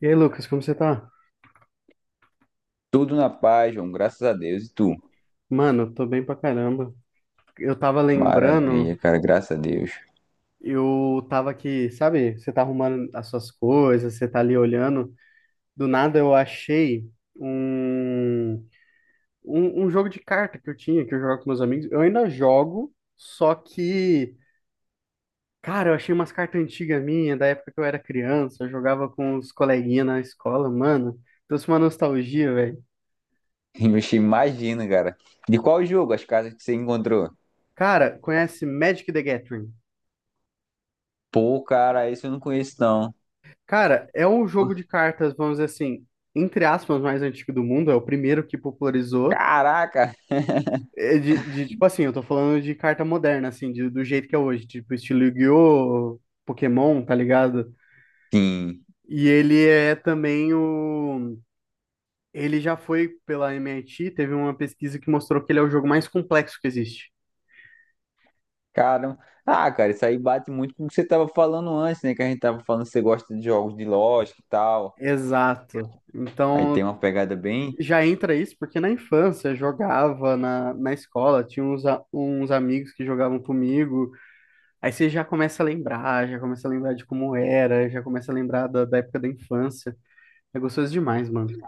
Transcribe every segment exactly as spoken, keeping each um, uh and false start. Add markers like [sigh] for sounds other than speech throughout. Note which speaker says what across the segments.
Speaker 1: E aí, Lucas, como você tá?
Speaker 2: Tudo na paz, João, graças a Deus. E tu?
Speaker 1: Mano, eu tô bem pra caramba. Eu tava lembrando,
Speaker 2: Maravilha, cara, graças a Deus.
Speaker 1: eu tava aqui, sabe? Você tá arrumando as suas coisas, você tá ali olhando. Do nada eu achei um, um, um jogo de carta que eu tinha, que eu jogava com meus amigos. Eu ainda jogo, só que, cara, eu achei umas cartas antigas minhas, da época que eu era criança, eu jogava com os coleguinhas na escola, mano. Trouxe uma nostalgia, velho.
Speaker 2: Ixi, imagina, cara. De qual jogo as casas que você encontrou?
Speaker 1: Cara, conhece Magic the Gathering?
Speaker 2: Pô, cara, esse eu não conheço, não.
Speaker 1: Cara, é um jogo de cartas, vamos dizer assim, entre aspas, mais antigo do mundo, é o primeiro que popularizou.
Speaker 2: Caraca!
Speaker 1: É De, de, tipo assim, eu tô falando de carta moderna, assim, de- do jeito que é hoje, tipo estilo Yu-Gi-Oh!, Pokémon, tá ligado?
Speaker 2: Sim,
Speaker 1: E ele é também o. Ele já foi pela M I T, teve uma pesquisa que mostrou que ele é o jogo mais complexo que existe.
Speaker 2: caramba. Ah, cara, isso aí bate muito com o que você tava falando antes, né? Que a gente tava falando que você gosta de jogos de lógica e tal.
Speaker 1: Exato.
Speaker 2: Aí tem
Speaker 1: Então
Speaker 2: uma pegada bem.
Speaker 1: já entra isso, porque na infância eu jogava na, na escola, tinha uns, a- uns amigos que jogavam comigo. Aí você já começa a lembrar, já começa a lembrar de como era, já começa a lembrar da, da época da infância. É gostoso demais, mano.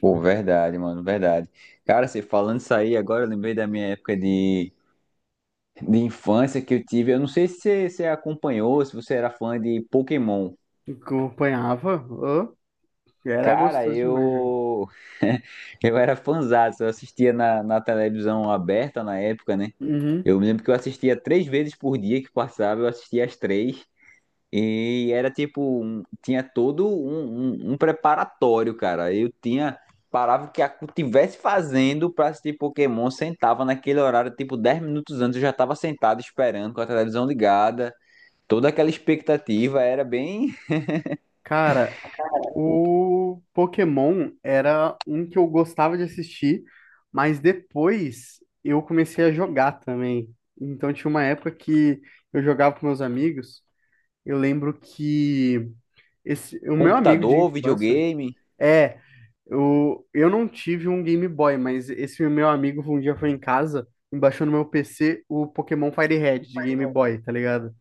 Speaker 2: Pô, verdade, mano, verdade. Cara, você falando isso aí, agora eu lembrei da minha época de, de infância que eu tive. Eu não sei se você, você acompanhou, se você era fã de Pokémon.
Speaker 1: Acompanhava, ô, era
Speaker 2: Cara,
Speaker 1: gostoso demais jogar.
Speaker 2: eu [laughs] eu era fãzaço, eu assistia na, na televisão aberta na época, né?
Speaker 1: Uhum.
Speaker 2: Eu me lembro que eu assistia três vezes por dia que passava, eu assistia as três. E era tipo, um- tinha todo um, um, um preparatório, cara. Eu tinha, parava o que a- tivesse fazendo pra assistir Pokémon, sentava naquele horário, tipo, dez minutos antes eu já tava sentado esperando, com a televisão ligada. Toda aquela expectativa era bem
Speaker 1: Cara, o Pokémon era um que eu gostava de assistir, mas depois eu comecei a jogar também. Então tinha uma época que eu jogava com meus amigos. Eu lembro que esse, o meu amigo de
Speaker 2: computador,
Speaker 1: infância,
Speaker 2: videogame.
Speaker 1: é, eu, eu não tive um Game Boy, mas esse meu amigo um dia foi em casa e baixou no meu P C o Pokémon FireRed de Game Boy, tá ligado?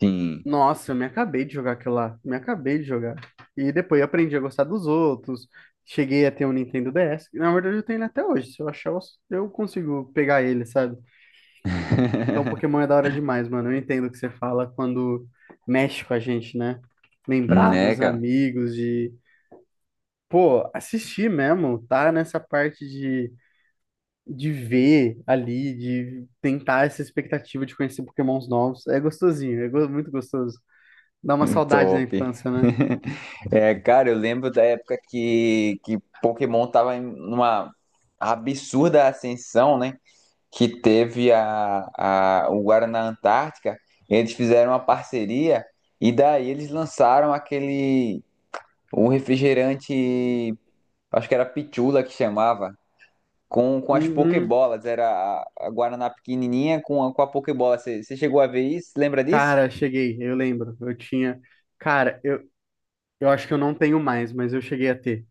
Speaker 2: Sim.
Speaker 1: Nossa, eu me acabei de jogar aquilo lá, me acabei de jogar. E depois eu aprendi a gostar dos outros, cheguei a ter um Nintendo D S, que, na verdade eu tenho ele até hoje, se eu achar eu eu consigo pegar ele, sabe? Então Pokémon
Speaker 2: [laughs]
Speaker 1: é da hora demais, mano, eu entendo o que você fala quando mexe com a gente, né? Lembrar
Speaker 2: Né,
Speaker 1: dos
Speaker 2: cara?
Speaker 1: amigos, de pô, assistir mesmo, tá nessa parte de, de ver ali, de tentar essa expectativa de conhecer Pokémons novos. É gostosinho, é go- muito gostoso. Dá uma saudade da
Speaker 2: Top. [laughs]
Speaker 1: infância, né?
Speaker 2: É, cara, eu lembro da época que, que Pokémon tava em uma absurda ascensão, né? Que teve a, a, o Guaraná Antártica, eles fizeram uma parceria e daí eles lançaram aquele um refrigerante, acho que era Pichula que chamava, com, com as
Speaker 1: Uhum.
Speaker 2: Pokébolas, era a, a Guaraná pequenininha com a, com a Pokébola. Você você chegou a ver isso? Lembra disso?
Speaker 1: Cara, cheguei, eu lembro. Eu tinha. Cara, eu, eu acho que eu não tenho mais, mas eu cheguei a ter.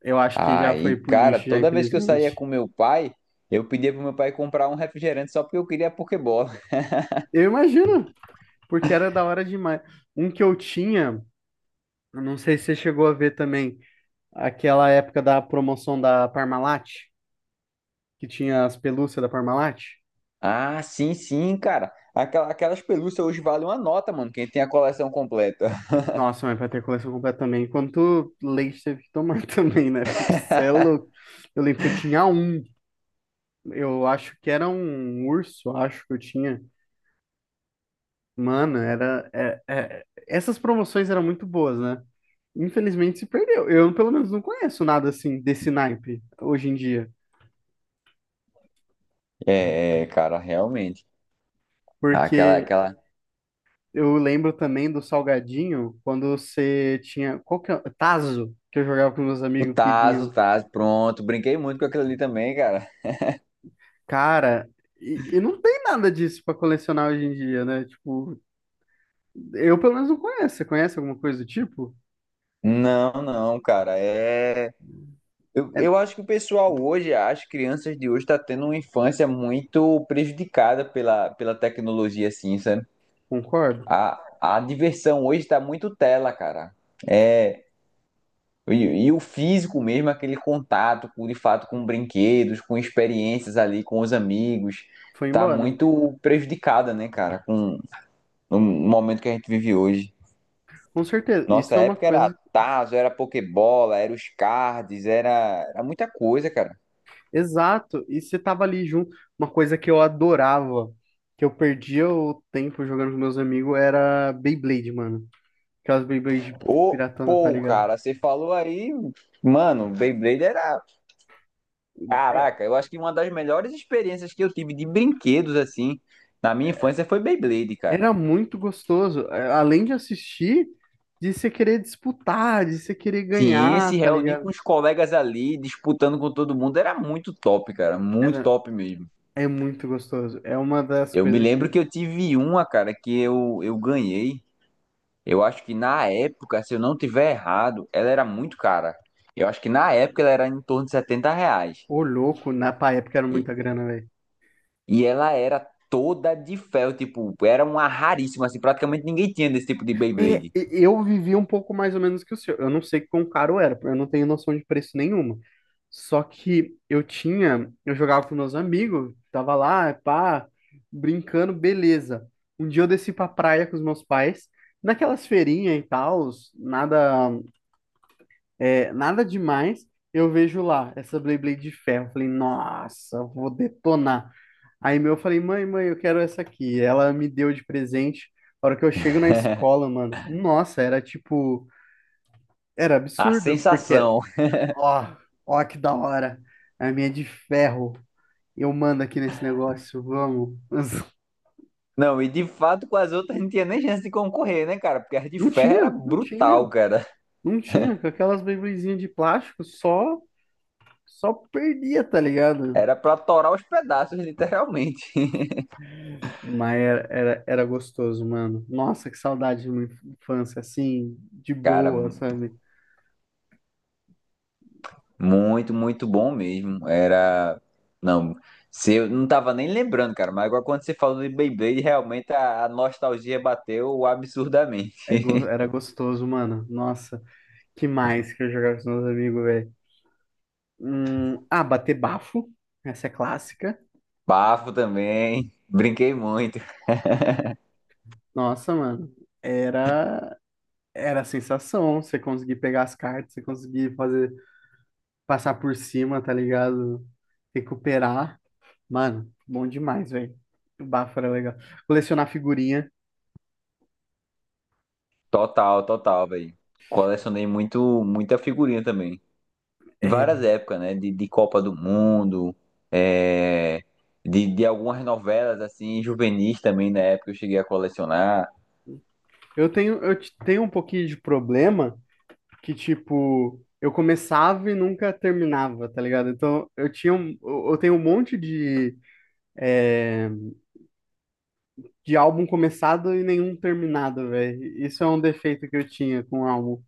Speaker 1: Eu acho que já foi
Speaker 2: Aí,
Speaker 1: pro
Speaker 2: cara,
Speaker 1: lixo, já,
Speaker 2: toda vez que eu saía
Speaker 1: infelizmente.
Speaker 2: com meu pai, eu pedia pro meu pai comprar um refrigerante só porque eu queria a Pokébola. [laughs]
Speaker 1: Eu imagino, porque era da hora demais. Um que eu tinha, eu não sei se você chegou a ver também, aquela época da promoção da Parmalat, que tinha as pelúcias da Parmalat.
Speaker 2: Ah, sim, sim, cara. Aquela- Aquelas pelúcias hoje valem uma nota, mano, quem tem a coleção completa.
Speaker 1: Nossa, mas pra ter a coleção completa também. Quanto leite teve que tomar [laughs] também, né? Porque cê é louco. Eu lembro que eu tinha um. Eu acho que era um urso, acho que eu tinha. Mano, era. é- é- Essas promoções eram muito boas, né? Infelizmente se perdeu. Eu, pelo menos, não conheço nada assim desse naipe hoje em dia.
Speaker 2: É, é, cara, realmente. Aquela,
Speaker 1: Porque
Speaker 2: aquela.
Speaker 1: eu lembro também do salgadinho, quando você tinha. Qual que é? Tazo, que eu jogava com meus
Speaker 2: O
Speaker 1: amigos que
Speaker 2: Taz, o
Speaker 1: vinham.
Speaker 2: Taz, pronto. Brinquei muito com aquilo ali também, cara.
Speaker 1: Cara, e, e não tem nada disso pra colecionar hoje em dia, né? Tipo, eu pelo menos não conheço. Você conhece alguma coisa do tipo?
Speaker 2: Não, não, cara. É. Eu,
Speaker 1: É,
Speaker 2: eu acho que o pessoal hoje, as crianças de hoje, tá tendo uma infância muito prejudicada pela, pela tecnologia, assim, sabe?
Speaker 1: concordo.
Speaker 2: A, a diversão hoje tá muito tela, cara. É.
Speaker 1: E
Speaker 2: E, e o físico mesmo, aquele contato, com, de fato, com brinquedos, com experiências ali, com os amigos,
Speaker 1: foi
Speaker 2: tá
Speaker 1: embora.
Speaker 2: muito prejudicada, né, cara? Com no momento que a gente vive hoje.
Speaker 1: Com certeza.
Speaker 2: Nossa
Speaker 1: Isso é uma
Speaker 2: época era
Speaker 1: coisa.
Speaker 2: Tazo, era Pokébola, era os cards, era, era muita coisa, cara.
Speaker 1: Exato. E você tava ali junto. Uma coisa que eu adorava, que eu perdia o tempo jogando com meus amigos, era Beyblade, mano. Aquelas Beyblade
Speaker 2: Ô,
Speaker 1: piratona, tá
Speaker 2: pô,
Speaker 1: ligado?
Speaker 2: cara, você falou aí, mano, Beyblade era. Caraca, eu acho que uma das melhores experiências que eu tive de brinquedos, assim, na minha infância foi Beyblade, cara.
Speaker 1: Era muito gostoso. É, além de assistir, de você querer disputar, de você querer
Speaker 2: Sim, se
Speaker 1: ganhar, tá
Speaker 2: reunir com
Speaker 1: ligado?
Speaker 2: os colegas ali, disputando com todo mundo, era muito top, cara. Muito
Speaker 1: Era,
Speaker 2: top mesmo.
Speaker 1: é muito gostoso. É uma das
Speaker 2: Eu me
Speaker 1: coisas que.
Speaker 2: lembro que eu tive uma, cara, que eu, eu ganhei. Eu acho que na época, se eu não tiver errado, ela era muito cara. Eu acho que na época ela era em torno de setenta reais.
Speaker 1: Ô, louco, na pá, época era
Speaker 2: E,
Speaker 1: muita grana, velho.
Speaker 2: e ela era toda de fel, tipo, era uma raríssima, assim, praticamente ninguém tinha desse tipo de
Speaker 1: É,
Speaker 2: Beyblade.
Speaker 1: e- eu vivi um pouco mais ou menos que o seu. Eu não sei quão caro era, eu não tenho noção de preço nenhuma. Só que eu tinha. Eu jogava com meus amigos, tava lá, pá, brincando, beleza. Um dia eu desci pra praia com os meus pais, naquelas feirinhas e tal, nada. É, nada demais. Eu vejo lá essa Beyblade de ferro. Falei, nossa, vou detonar. Aí meu, eu falei, mãe, mãe, eu quero essa aqui. Ela me deu de presente. A hora que eu chego na
Speaker 2: [laughs]
Speaker 1: escola, mano, nossa, era tipo, era
Speaker 2: A
Speaker 1: absurdo, porque,
Speaker 2: sensação.
Speaker 1: ó, ó que da hora. A minha é de ferro. Eu mando aqui nesse negócio, vamos.
Speaker 2: Não, e de fato com as outras não tinha nem chance de concorrer, né, cara? Porque as
Speaker 1: [laughs]
Speaker 2: de
Speaker 1: não
Speaker 2: ferro era
Speaker 1: tinha, não tinha,
Speaker 2: brutal, cara.
Speaker 1: não tinha. Com aquelas Beybladezinhas de plástico, só, só perdia, tá ligado?
Speaker 2: Era pra torar os pedaços, literalmente.
Speaker 1: Mas era, era, era gostoso, mano. Nossa, que saudade de uma infância assim, de
Speaker 2: Cara,
Speaker 1: boa, sabe?
Speaker 2: muito, muito bom mesmo. Era. Não, se eu não tava nem lembrando, cara, mas agora quando você falou de Beyblade, realmente a, a nostalgia bateu
Speaker 1: É
Speaker 2: absurdamente.
Speaker 1: go- Era gostoso, mano. Nossa, que mais que eu jogava com os meus amigos, velho. Hum, ah, bater bafo. Essa é clássica.
Speaker 2: Bafo também. Brinquei muito.
Speaker 1: Nossa, mano. Era, era a sensação. Você conseguir pegar as cartas, você conseguir fazer, passar por cima, tá ligado? Recuperar. Mano, bom demais, velho. O bafo era legal. Colecionar figurinha.
Speaker 2: Total, total, velho. Colecionei muito, muita figurinha também. De
Speaker 1: É,
Speaker 2: várias épocas, né? De, de Copa do Mundo, é, de, de algumas novelas, assim, juvenis também na época eu cheguei a colecionar.
Speaker 1: eu tenho, eu te- tenho um pouquinho de problema que, tipo, eu começava e nunca terminava, tá ligado? Então, eu tinha um, eu eu tenho um monte de, é, de álbum começado e nenhum terminado, velho. Isso é um defeito que eu tinha com o álbum.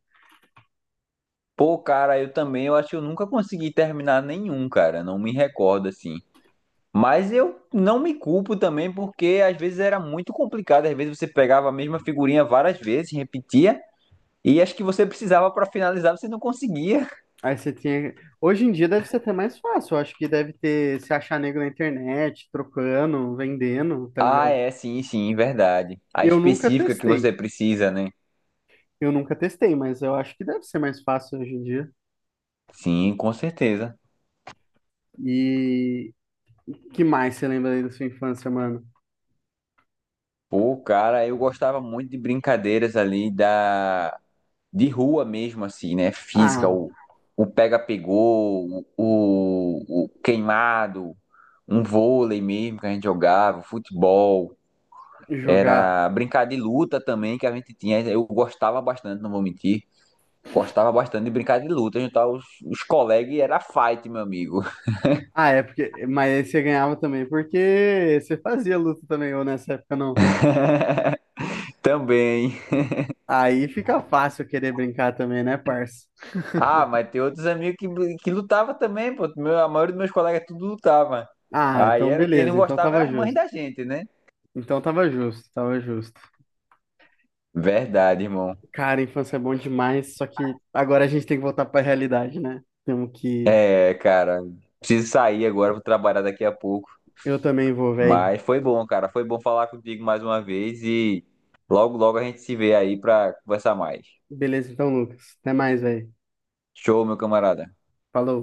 Speaker 2: Pô, cara, eu também, eu, acho que eu nunca consegui terminar nenhum, cara, não me recordo assim. Mas eu não me culpo também, porque às vezes era muito complicado, às vezes você pegava a mesma figurinha várias vezes, repetia, e acho que você precisava pra finalizar, você não conseguia. [laughs]
Speaker 1: Aí você tinha. Hoje em dia deve ser até mais fácil. Eu acho que deve ter se achar nego na internet, trocando, vendendo, tá
Speaker 2: Ah,
Speaker 1: ligado?
Speaker 2: é, sim, sim, verdade. A
Speaker 1: Eu nunca
Speaker 2: específica que
Speaker 1: testei.
Speaker 2: você precisa, né?
Speaker 1: Eu nunca testei, mas eu acho que deve ser mais fácil hoje em dia.
Speaker 2: Sim, com certeza.
Speaker 1: E que mais você lembra aí da sua infância, mano?
Speaker 2: Pô, cara, eu gostava muito de brincadeiras ali da de rua mesmo, assim, né? Física,
Speaker 1: Ah,
Speaker 2: o, o pega-pegou, o, o queimado, um vôlei mesmo que a gente jogava, futebol,
Speaker 1: jogar.
Speaker 2: era brincar de luta também que a gente tinha. Eu gostava bastante, não vou mentir. Gostava bastante de brincar de luta, juntar os, os colegas e era fight, meu amigo.
Speaker 1: Ah, é porque. Mas aí você ganhava também porque você fazia luta também, ou nessa época não.
Speaker 2: [laughs] também.
Speaker 1: Aí fica fácil querer brincar também, né, parça?
Speaker 2: Ah, mas tem outros amigos que, que lutava também, pô. Meu, a maioria dos meus colegas tudo lutava.
Speaker 1: Ah,
Speaker 2: Aí
Speaker 1: então
Speaker 2: era quem não
Speaker 1: beleza, então
Speaker 2: gostava era
Speaker 1: tava
Speaker 2: as mães
Speaker 1: justo.
Speaker 2: da gente, né?
Speaker 1: Então tava justo, tava justo.
Speaker 2: Verdade, irmão.
Speaker 1: Cara, a infância é bom demais, só que agora a gente tem que voltar pra realidade, né? Temos que.
Speaker 2: É, cara, preciso sair agora, vou trabalhar daqui a pouco.
Speaker 1: Eu também vou, velho.
Speaker 2: Mas foi bom, cara. Foi bom falar contigo mais uma vez e logo, logo a gente se vê aí pra conversar mais.
Speaker 1: Beleza, então, Lucas. Até mais, velho.
Speaker 2: Show, meu camarada.
Speaker 1: Falou.